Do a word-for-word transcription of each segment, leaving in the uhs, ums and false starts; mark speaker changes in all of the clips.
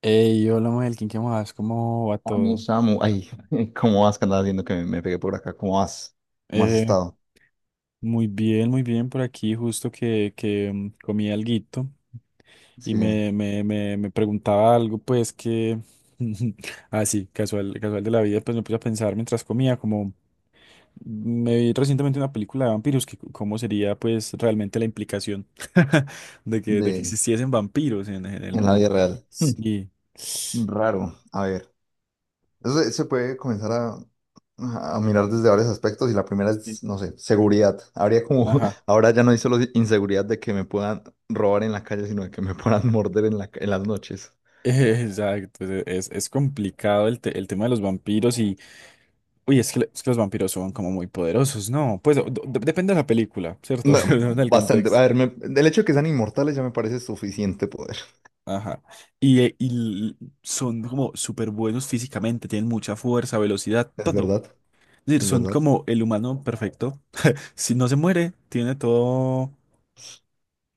Speaker 1: Hey, hola Melkin, ¿qué más? ¿Cómo va
Speaker 2: Oye,
Speaker 1: todo?
Speaker 2: Samu,
Speaker 1: Eso.
Speaker 2: ay, ¿cómo vas? ¿Qué andas haciendo que me, me pegué por acá? ¿Cómo vas? ¿Cómo has
Speaker 1: Eh,
Speaker 2: estado?
Speaker 1: Muy bien, muy bien por aquí, justo que, que mm, comí alguito y
Speaker 2: Sí, sí,
Speaker 1: me, me, me, me preguntaba algo, pues que, ah sí, casual, casual de la vida, pues me puse a pensar mientras comía, como me vi recientemente una película de vampiros, que c- cómo sería pues realmente la implicación de que, de que
Speaker 2: de,
Speaker 1: existiesen vampiros en, en el
Speaker 2: en la vida
Speaker 1: mundo.
Speaker 2: real.
Speaker 1: Sí. Sí.
Speaker 2: Raro. A ver, eso se, se puede comenzar a, a mirar desde varios aspectos y la primera es, no sé, seguridad. Habría como,
Speaker 1: Ajá.
Speaker 2: ahora ya no hay solo inseguridad de que me puedan robar en la calle, sino de que me puedan morder en la, ca- en las noches.
Speaker 1: Exacto, es, es- es complicado el, te- el tema de los vampiros y... Uy, es que, es que los vampiros son como muy poderosos, ¿no? Pues o- de- depende de la película, ¿cierto?
Speaker 2: No,
Speaker 1: Depende del
Speaker 2: bastante. A
Speaker 1: contexto.
Speaker 2: ver, me- el hecho de que sean inmortales ya me parece suficiente poder.
Speaker 1: Ajá. Y, eh, y l- son como súper buenos físicamente, tienen mucha fuerza, velocidad,
Speaker 2: Es
Speaker 1: todo.
Speaker 2: verdad,
Speaker 1: Es decir,
Speaker 2: es
Speaker 1: son
Speaker 2: verdad.
Speaker 1: como el humano perfecto. Si no se muere, tiene todo...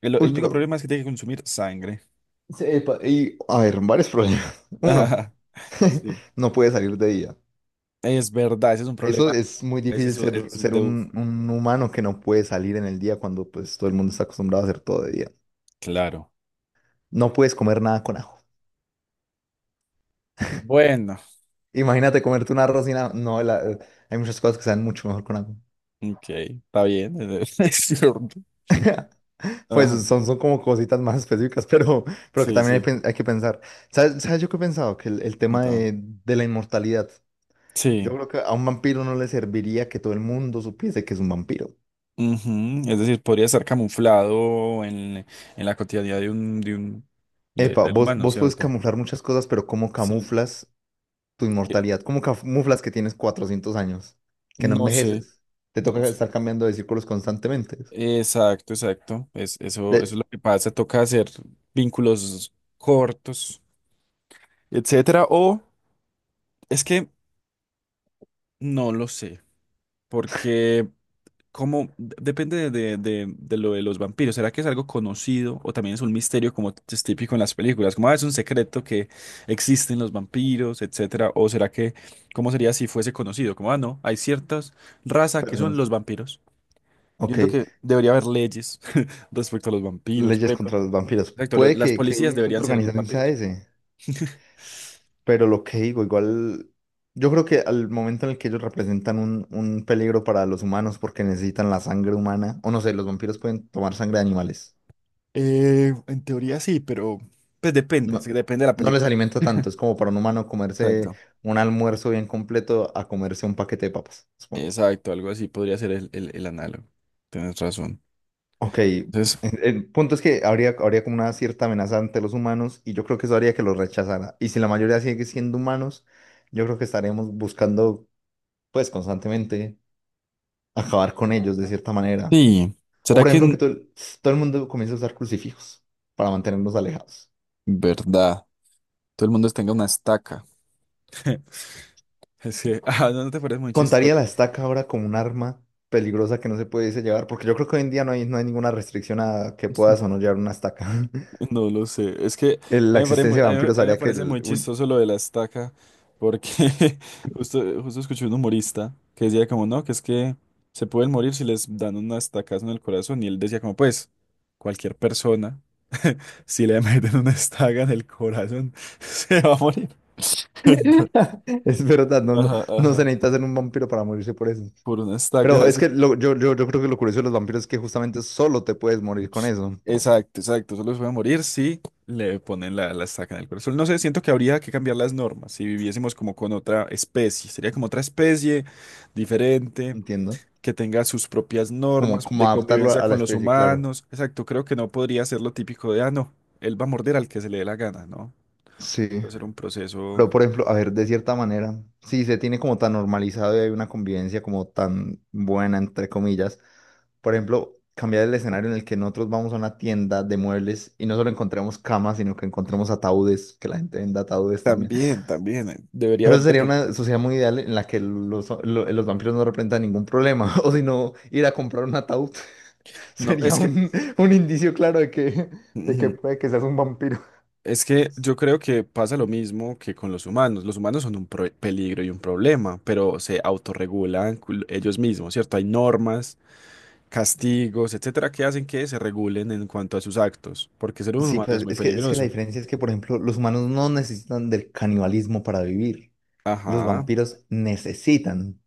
Speaker 1: El, el
Speaker 2: Uy,
Speaker 1: único
Speaker 2: pero
Speaker 1: problema es que tiene que consumir sangre.
Speaker 2: sí, epa, y a ver, varios problemas. Uno,
Speaker 1: Ajá, sí.
Speaker 2: no puede salir de día.
Speaker 1: Es verdad, ese es un
Speaker 2: Eso
Speaker 1: problema.
Speaker 2: es muy
Speaker 1: Ese
Speaker 2: difícil
Speaker 1: es un, ese
Speaker 2: ser,
Speaker 1: es un
Speaker 2: ser
Speaker 1: debuff.
Speaker 2: un, un humano que no puede salir en el día cuando pues todo el mundo está acostumbrado a hacer todo de día.
Speaker 1: Claro.
Speaker 2: No puedes comer nada con ajo.
Speaker 1: Bueno,
Speaker 2: Imagínate comerte un arroz sin ajo. No, la- Hay muchas cosas que saben mucho mejor con ajo.
Speaker 1: ok, está bien, es es cierto.
Speaker 2: Pues
Speaker 1: Ajá,
Speaker 2: son, son como cositas más específicas, pero, pero que
Speaker 1: sí,
Speaker 2: también hay,
Speaker 1: sí,
Speaker 2: pen- hay que pensar. ¿Sabes, sabes yo qué he pensado? Que el, el tema
Speaker 1: contame.
Speaker 2: de, de la inmortalidad. Yo
Speaker 1: Sí,
Speaker 2: creo que a un vampiro no le serviría que todo el mundo supiese que es un vampiro.
Speaker 1: ujú. Es decir, podría estar camuflado en, en la cotidianidad de un, de un, de-
Speaker 2: Epa,
Speaker 1: del
Speaker 2: vos,
Speaker 1: humano,
Speaker 2: vos puedes
Speaker 1: ¿cierto?
Speaker 2: camuflar muchas cosas, pero ¿cómo
Speaker 1: Sí,
Speaker 2: camuflas tu
Speaker 1: que-
Speaker 2: inmortalidad? ¿Cómo camuflas que tienes cuatrocientos años? Que no
Speaker 1: no sé,
Speaker 2: envejeces. Te
Speaker 1: no
Speaker 2: toca
Speaker 1: sé.
Speaker 2: estar cambiando de círculos constantemente.
Speaker 1: Exacto, exacto. Es, eso, eso es
Speaker 2: De
Speaker 1: lo que pasa, toca hacer vínculos cortos, etcétera, o es que no lo sé, porque. Como depende de, de, de lo de los vampiros, ¿será que es algo conocido o también es un misterio como es típico en las películas? Como, "Ah, es un secreto que existen los vampiros, etcétera"? ¿O será que cómo sería si fuese conocido? Como, ah, no, hay ciertas razas que son
Speaker 2: personas.
Speaker 1: los vampiros. Yo
Speaker 2: Ok,
Speaker 1: entiendo que debería haber leyes respecto a los vampiros, por
Speaker 2: leyes
Speaker 1: ejemplo.
Speaker 2: contra los vampiros.
Speaker 1: Exacto, lo-
Speaker 2: Puede
Speaker 1: las
Speaker 2: que, que
Speaker 1: policías
Speaker 2: un intento
Speaker 1: deberían
Speaker 2: de
Speaker 1: ser
Speaker 2: organización sea
Speaker 1: vampiros.
Speaker 2: ese, pero lo que digo, igual. Yo creo que al momento en el que ellos representan un, un peligro para los humanos porque necesitan la sangre humana, o no sé, los vampiros pueden tomar sangre de animales.
Speaker 1: Eh, en teoría sí, pero pues depende, sí,
Speaker 2: No,
Speaker 1: depende de la
Speaker 2: no les
Speaker 1: película.
Speaker 2: alimenta tanto. Es como para un humano comerse
Speaker 1: Exacto.
Speaker 2: un almuerzo bien completo a comerse un paquete de papas, supongo.
Speaker 1: Exacto, algo así podría ser el, el, el análogo. Tienes razón.
Speaker 2: Ok. El,
Speaker 1: Entonces,
Speaker 2: el punto es que habría, habría como una cierta amenaza ante los humanos y yo creo que eso haría que los rechazara. Y si la mayoría sigue siendo humanos, yo creo que estaremos buscando, pues, constantemente acabar con ellos de cierta manera.
Speaker 1: sí,
Speaker 2: O
Speaker 1: ¿será
Speaker 2: por
Speaker 1: que
Speaker 2: ejemplo,
Speaker 1: en
Speaker 2: que todo, el- todo el mundo comience a usar crucifijos para mantenernos alejados.
Speaker 1: verdad todo el mundo tenga una estaca? Es que, ah, no, no te parece muy
Speaker 2: Contaría
Speaker 1: chistoso.
Speaker 2: la estaca ahora como un arma peligrosa que no se puede llevar, porque yo creo que hoy en día no hay, no hay ninguna restricción a que puedas o no llevar una estaca.
Speaker 1: No lo sé. Es que
Speaker 2: El-
Speaker 1: a
Speaker 2: la
Speaker 1: mí me parece muy,
Speaker 2: existencia
Speaker 1: a
Speaker 2: de
Speaker 1: mí me-
Speaker 2: vampiros
Speaker 1: a mí me
Speaker 2: haría que
Speaker 1: parece
Speaker 2: el,
Speaker 1: muy
Speaker 2: un-
Speaker 1: chistoso lo de la estaca, porque justo, justo escuché un humorista que decía como, no, que es que se pueden morir si les dan una estacazo en el corazón. Y él decía como, pues, cualquier persona, si le meten una estaca en el corazón, se va a morir. Entonces,
Speaker 2: Es verdad, no, no,
Speaker 1: ajá,
Speaker 2: no se
Speaker 1: ajá,
Speaker 2: necesita ser un vampiro para morirse por eso.
Speaker 1: por una
Speaker 2: Pero
Speaker 1: estaca.
Speaker 2: es que lo- yo, yo, yo creo que lo curioso de los vampiros es que justamente solo te puedes morir con eso,
Speaker 1: Exacto, exacto. Solo se puede morir si le ponen la, la estaca en el corazón. No sé, siento que habría que cambiar las normas si viviésemos como con otra especie. Sería como otra especie diferente,
Speaker 2: entiendo.
Speaker 1: que tenga sus propias
Speaker 2: Como,
Speaker 1: normas
Speaker 2: como
Speaker 1: de
Speaker 2: adaptarlo a,
Speaker 1: convivencia
Speaker 2: a la
Speaker 1: con los
Speaker 2: especie, claro.
Speaker 1: humanos. Exacto, creo que no podría ser lo típico de, ah, no, él va a morder al que se le dé la gana, ¿no?
Speaker 2: Sí.
Speaker 1: Va a ser un proceso.
Speaker 2: Pero por ejemplo, a ver, de cierta manera, si se tiene como tan normalizado y hay una convivencia como tan buena, entre comillas. Por ejemplo, cambiar el escenario en el que nosotros vamos a una tienda de muebles y no solo encontremos camas, sino que encontremos ataúdes, que la gente venda ataúdes también.
Speaker 1: También, también. eh, Debería
Speaker 2: Pero eso
Speaker 1: haber de
Speaker 2: sería
Speaker 1: pronto.
Speaker 2: una sociedad muy ideal en la que los, lo- los vampiros no representan ningún problema. O si no, ir a comprar un ataúd
Speaker 1: No,
Speaker 2: sería
Speaker 1: es que.
Speaker 2: un, un indicio claro de que, de que
Speaker 1: Ujú.
Speaker 2: puede que seas un vampiro.
Speaker 1: Es que yo creo que pasa lo mismo que con los humanos. Los humanos son un pro- peligro y un problema, pero se autorregulan cul- ellos mismos, ¿cierto? Hay normas, castigos, etcétera, que hacen que se regulen en cuanto a sus actos, porque ser un
Speaker 2: Sí,
Speaker 1: humano es
Speaker 2: pues
Speaker 1: muy
Speaker 2: es que, es que la
Speaker 1: peligroso.
Speaker 2: diferencia es que, por ejemplo, los humanos no necesitan del canibalismo para vivir. Los
Speaker 1: Ajá,
Speaker 2: vampiros necesitan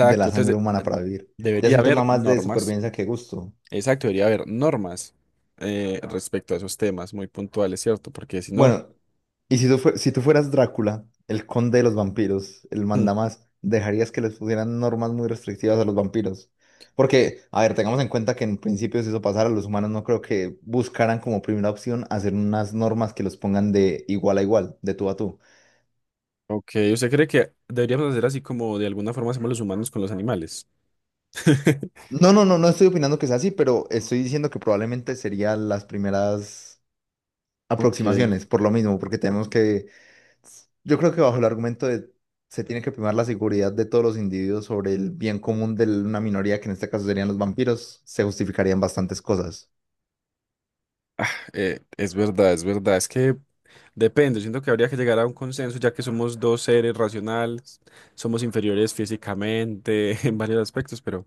Speaker 2: de la sangre
Speaker 1: Entonces,
Speaker 2: humana
Speaker 1: de-
Speaker 2: para vivir. Ya es
Speaker 1: debería
Speaker 2: un
Speaker 1: haber
Speaker 2: tema más de
Speaker 1: normas,
Speaker 2: supervivencia que gusto.
Speaker 1: exacto, debería haber normas eh, respecto a esos temas muy puntuales, ¿cierto? Porque si no,
Speaker 2: Bueno, y si tú, fue- si tú fueras Drácula, el conde de los vampiros, el
Speaker 1: hmm,
Speaker 2: mandamás, ¿dejarías que les pusieran normas muy restrictivas a los vampiros? Porque, a ver, tengamos en cuenta que en principio si eso pasara, los humanos no creo que buscaran como primera opción hacer unas normas que los pongan de igual a igual, de tú a tú.
Speaker 1: ok, ¿usted cree que deberíamos hacer así como de alguna forma hacemos los humanos con los animales?
Speaker 2: No, no, no, no estoy opinando que sea así, pero estoy diciendo que probablemente serían las primeras
Speaker 1: Ok.
Speaker 2: aproximaciones, por lo mismo, porque tenemos que. Yo creo que bajo el argumento de se tiene que primar la seguridad de todos los individuos sobre el bien común de una minoría, que en este caso serían los vampiros, se justificarían bastantes cosas.
Speaker 1: Ah, eh, es verdad, es verdad. Es que depende. Siento que habría que llegar a un consenso, ya que somos dos seres racionales, somos inferiores físicamente en varios aspectos, pero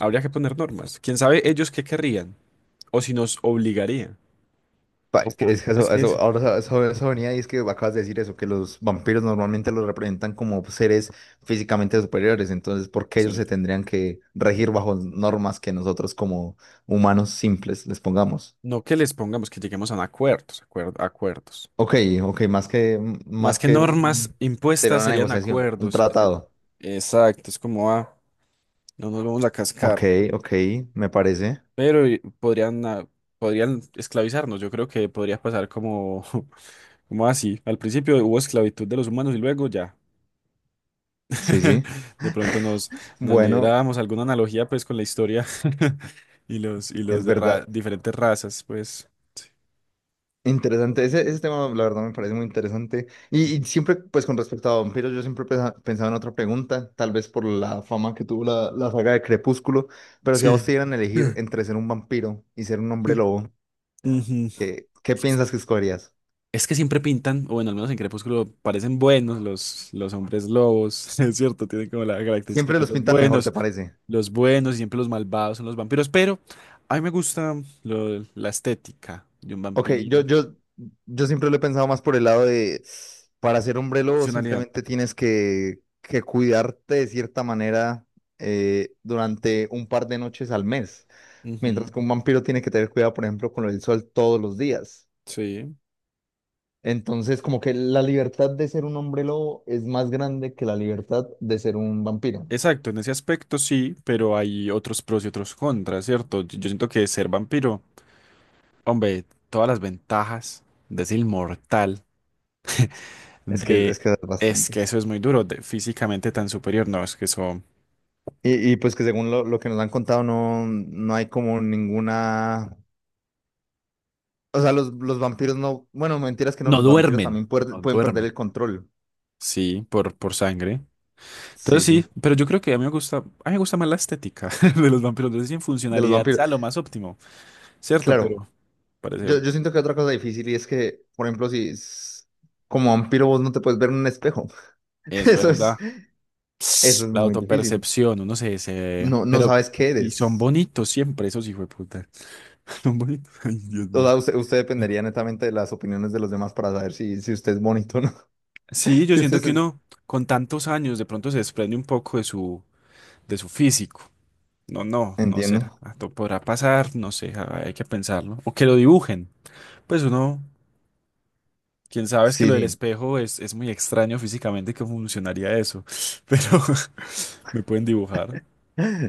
Speaker 1: habría que poner normas. ¿Quién sabe ellos qué querrían o si nos obligaría?
Speaker 2: Pa, es que, ujú, es que
Speaker 1: Es
Speaker 2: eso,
Speaker 1: que
Speaker 2: eso,
Speaker 1: es.
Speaker 2: ahora eso, eso venía y es que acabas de decir eso, que los vampiros normalmente los representan como seres físicamente superiores, entonces, ¿por qué
Speaker 1: Sí.
Speaker 2: ellos se tendrían que regir bajo normas que nosotros como humanos simples les pongamos?
Speaker 1: No que les pongamos, que lleguemos a un acuerdos, acuer- acuerdos.
Speaker 2: Ok, ok, más que,
Speaker 1: Más
Speaker 2: más
Speaker 1: que
Speaker 2: que
Speaker 1: normas
Speaker 2: un- sería
Speaker 1: impuestas
Speaker 2: una
Speaker 1: serían
Speaker 2: negociación, un
Speaker 1: acuerdos. Este-
Speaker 2: tratado.
Speaker 1: exacto, es como, ah, no nos vamos a cascar.
Speaker 2: Ok, ok, me parece.
Speaker 1: Pero y- podrían, ah, podrían esclavizarnos. Yo creo que podría pasar como, como así. Al principio hubo esclavitud de los humanos y luego ya.
Speaker 2: Sí, sí.
Speaker 1: De pronto nos, nos
Speaker 2: Bueno,
Speaker 1: liberábamos. Alguna analogía pues con la historia y los, y los
Speaker 2: es
Speaker 1: de
Speaker 2: verdad.
Speaker 1: ra- diferentes razas, pues.
Speaker 2: Interesante. Ese, ese tema, la verdad, me parece muy interesante. Y, y
Speaker 1: Ujú.
Speaker 2: siempre, pues con respecto a vampiros, yo siempre pesa- pensaba en otra pregunta, tal vez por la fama que tuvo la, la saga de Crepúsculo, pero si a vos
Speaker 1: Sí.
Speaker 2: te dieran a elegir
Speaker 1: Eh,
Speaker 2: entre ser un vampiro y ser un
Speaker 1: sí.
Speaker 2: hombre lobo,
Speaker 1: Ujú.
Speaker 2: ¿qué, qué piensas que escogerías?
Speaker 1: Es que siempre pintan, o bueno, al menos en Crepúsculo parecen buenos los, los hombres lobos, es cierto, tienen como la característica de
Speaker 2: Siempre
Speaker 1: ser
Speaker 2: los
Speaker 1: los
Speaker 2: pintan mejor, ¿te
Speaker 1: buenos.
Speaker 2: parece?
Speaker 1: Los buenos, y siempre los malvados son los vampiros, pero a mí me gusta lo- la estética de un
Speaker 2: Ok, yo,
Speaker 1: vampiro.
Speaker 2: yo, yo siempre lo he pensado más por el lado de, para ser hombrelo
Speaker 1: Funcionalidad.
Speaker 2: simplemente tienes que, que cuidarte de cierta manera, eh, durante un par de noches al mes, mientras
Speaker 1: Ujú,
Speaker 2: que un vampiro tiene que tener cuidado, por ejemplo, con el sol todos los días.
Speaker 1: sí.
Speaker 2: Entonces, como que la libertad de ser un hombrelo es más grande que la libertad de ser un vampiro.
Speaker 1: Exacto, en ese aspecto sí, pero hay otros pros y otros contras, ¿cierto? Yo, yo siento que ser vampiro, hombre, todas las ventajas de ser inmortal,
Speaker 2: Es que
Speaker 1: de...
Speaker 2: es que es
Speaker 1: Es que
Speaker 2: bastante.
Speaker 1: eso es muy duro, de físicamente tan superior, no, es que eso...
Speaker 2: Y, y pues que según lo, lo que nos han contado, no, no hay como ninguna. O sea, los, los vampiros no. Bueno, mentiras que no,
Speaker 1: No
Speaker 2: los vampiros
Speaker 1: duermen.
Speaker 2: también puer-
Speaker 1: No
Speaker 2: pueden perder
Speaker 1: duermen.
Speaker 2: el control.
Speaker 1: Sí, por, por sangre. Entonces
Speaker 2: Sí, sí.
Speaker 1: sí, pero yo creo que a mí me gusta, a mí me gusta más la estética de los vampiros. Entonces en
Speaker 2: De los
Speaker 1: funcionalidad
Speaker 2: vampiros.
Speaker 1: sea lo más óptimo, ¿cierto?
Speaker 2: Claro,
Speaker 1: Pero parece,
Speaker 2: yo, yo siento que otra cosa difícil y es que, por ejemplo, si s- como vampiro vos no te puedes ver en un espejo.
Speaker 1: es
Speaker 2: Eso es,
Speaker 1: verdad.
Speaker 2: eso es
Speaker 1: La
Speaker 2: muy difícil.
Speaker 1: autopercepción, uno se, se...
Speaker 2: No, no
Speaker 1: Pero,
Speaker 2: sabes qué
Speaker 1: y son
Speaker 2: eres.
Speaker 1: bonitos siempre, esos hijos de puta. Son bonitos. Ay, Dios
Speaker 2: O
Speaker 1: mío.
Speaker 2: sea, usted, usted dependería netamente de las opiniones de los demás para saber si, si usted es bonito o no.
Speaker 1: Sí, yo
Speaker 2: Si
Speaker 1: siento
Speaker 2: usted
Speaker 1: que
Speaker 2: es.
Speaker 1: uno con tantos años de pronto se desprende un poco de su, de su físico. No, no, no será.
Speaker 2: Entiendo.
Speaker 1: Ah, to- podrá pasar, no sé, ah, hay que pensarlo. O que lo dibujen. Pues uno, quién sabe, es que
Speaker 2: Sí,
Speaker 1: lo del
Speaker 2: sí.
Speaker 1: espejo es, es muy extraño físicamente que funcionaría eso, pero me pueden dibujar.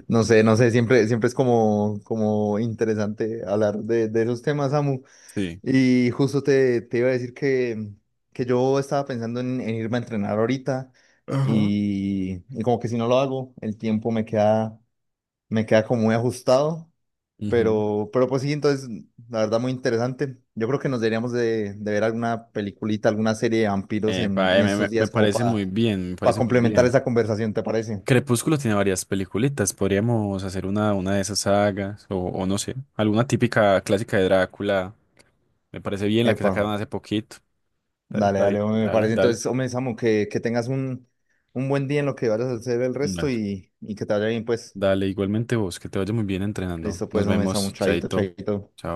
Speaker 2: No sé, no sé, siempre, siempre es como, como interesante hablar de, de esos temas, Samu.
Speaker 1: Sí.
Speaker 2: Y justo te, te iba a decir que, que yo estaba pensando en, en irme a entrenar ahorita
Speaker 1: Ajá.
Speaker 2: y, y como que si no lo hago, el tiempo me queda, me queda como muy ajustado,
Speaker 1: Ujú.
Speaker 2: pero, pero pues sí, entonces la verdad muy interesante. Yo creo que nos deberíamos de, de ver alguna peliculita, alguna serie de vampiros en,
Speaker 1: Epa,
Speaker 2: en
Speaker 1: eh, me, me-
Speaker 2: estos
Speaker 1: me
Speaker 2: días como
Speaker 1: parece
Speaker 2: para
Speaker 1: muy bien, me
Speaker 2: para
Speaker 1: parece muy
Speaker 2: complementar
Speaker 1: bien.
Speaker 2: esa conversación, ¿te parece?
Speaker 1: Crepúsculo tiene varias peliculitas, podríamos hacer una, una de esas sagas, o, o no sé, alguna típica clásica de Drácula. Me parece bien la que
Speaker 2: Epa,
Speaker 1: sacaron hace poquito. Está
Speaker 2: dale,
Speaker 1: está bien,
Speaker 2: dale, hombre, me
Speaker 1: dale,
Speaker 2: parece.
Speaker 1: dale.
Speaker 2: Entonces, hombre, Samu, que, que tengas un, un buen día en lo que vayas a hacer el resto
Speaker 1: Dale,
Speaker 2: y, y que te vaya bien, pues.
Speaker 1: dale, igualmente vos, que te vaya muy bien entrenando.
Speaker 2: Listo,
Speaker 1: Nos
Speaker 2: pues, hombre, estamos
Speaker 1: vemos,
Speaker 2: chaito,
Speaker 1: chaito.
Speaker 2: chaito.
Speaker 1: Chao.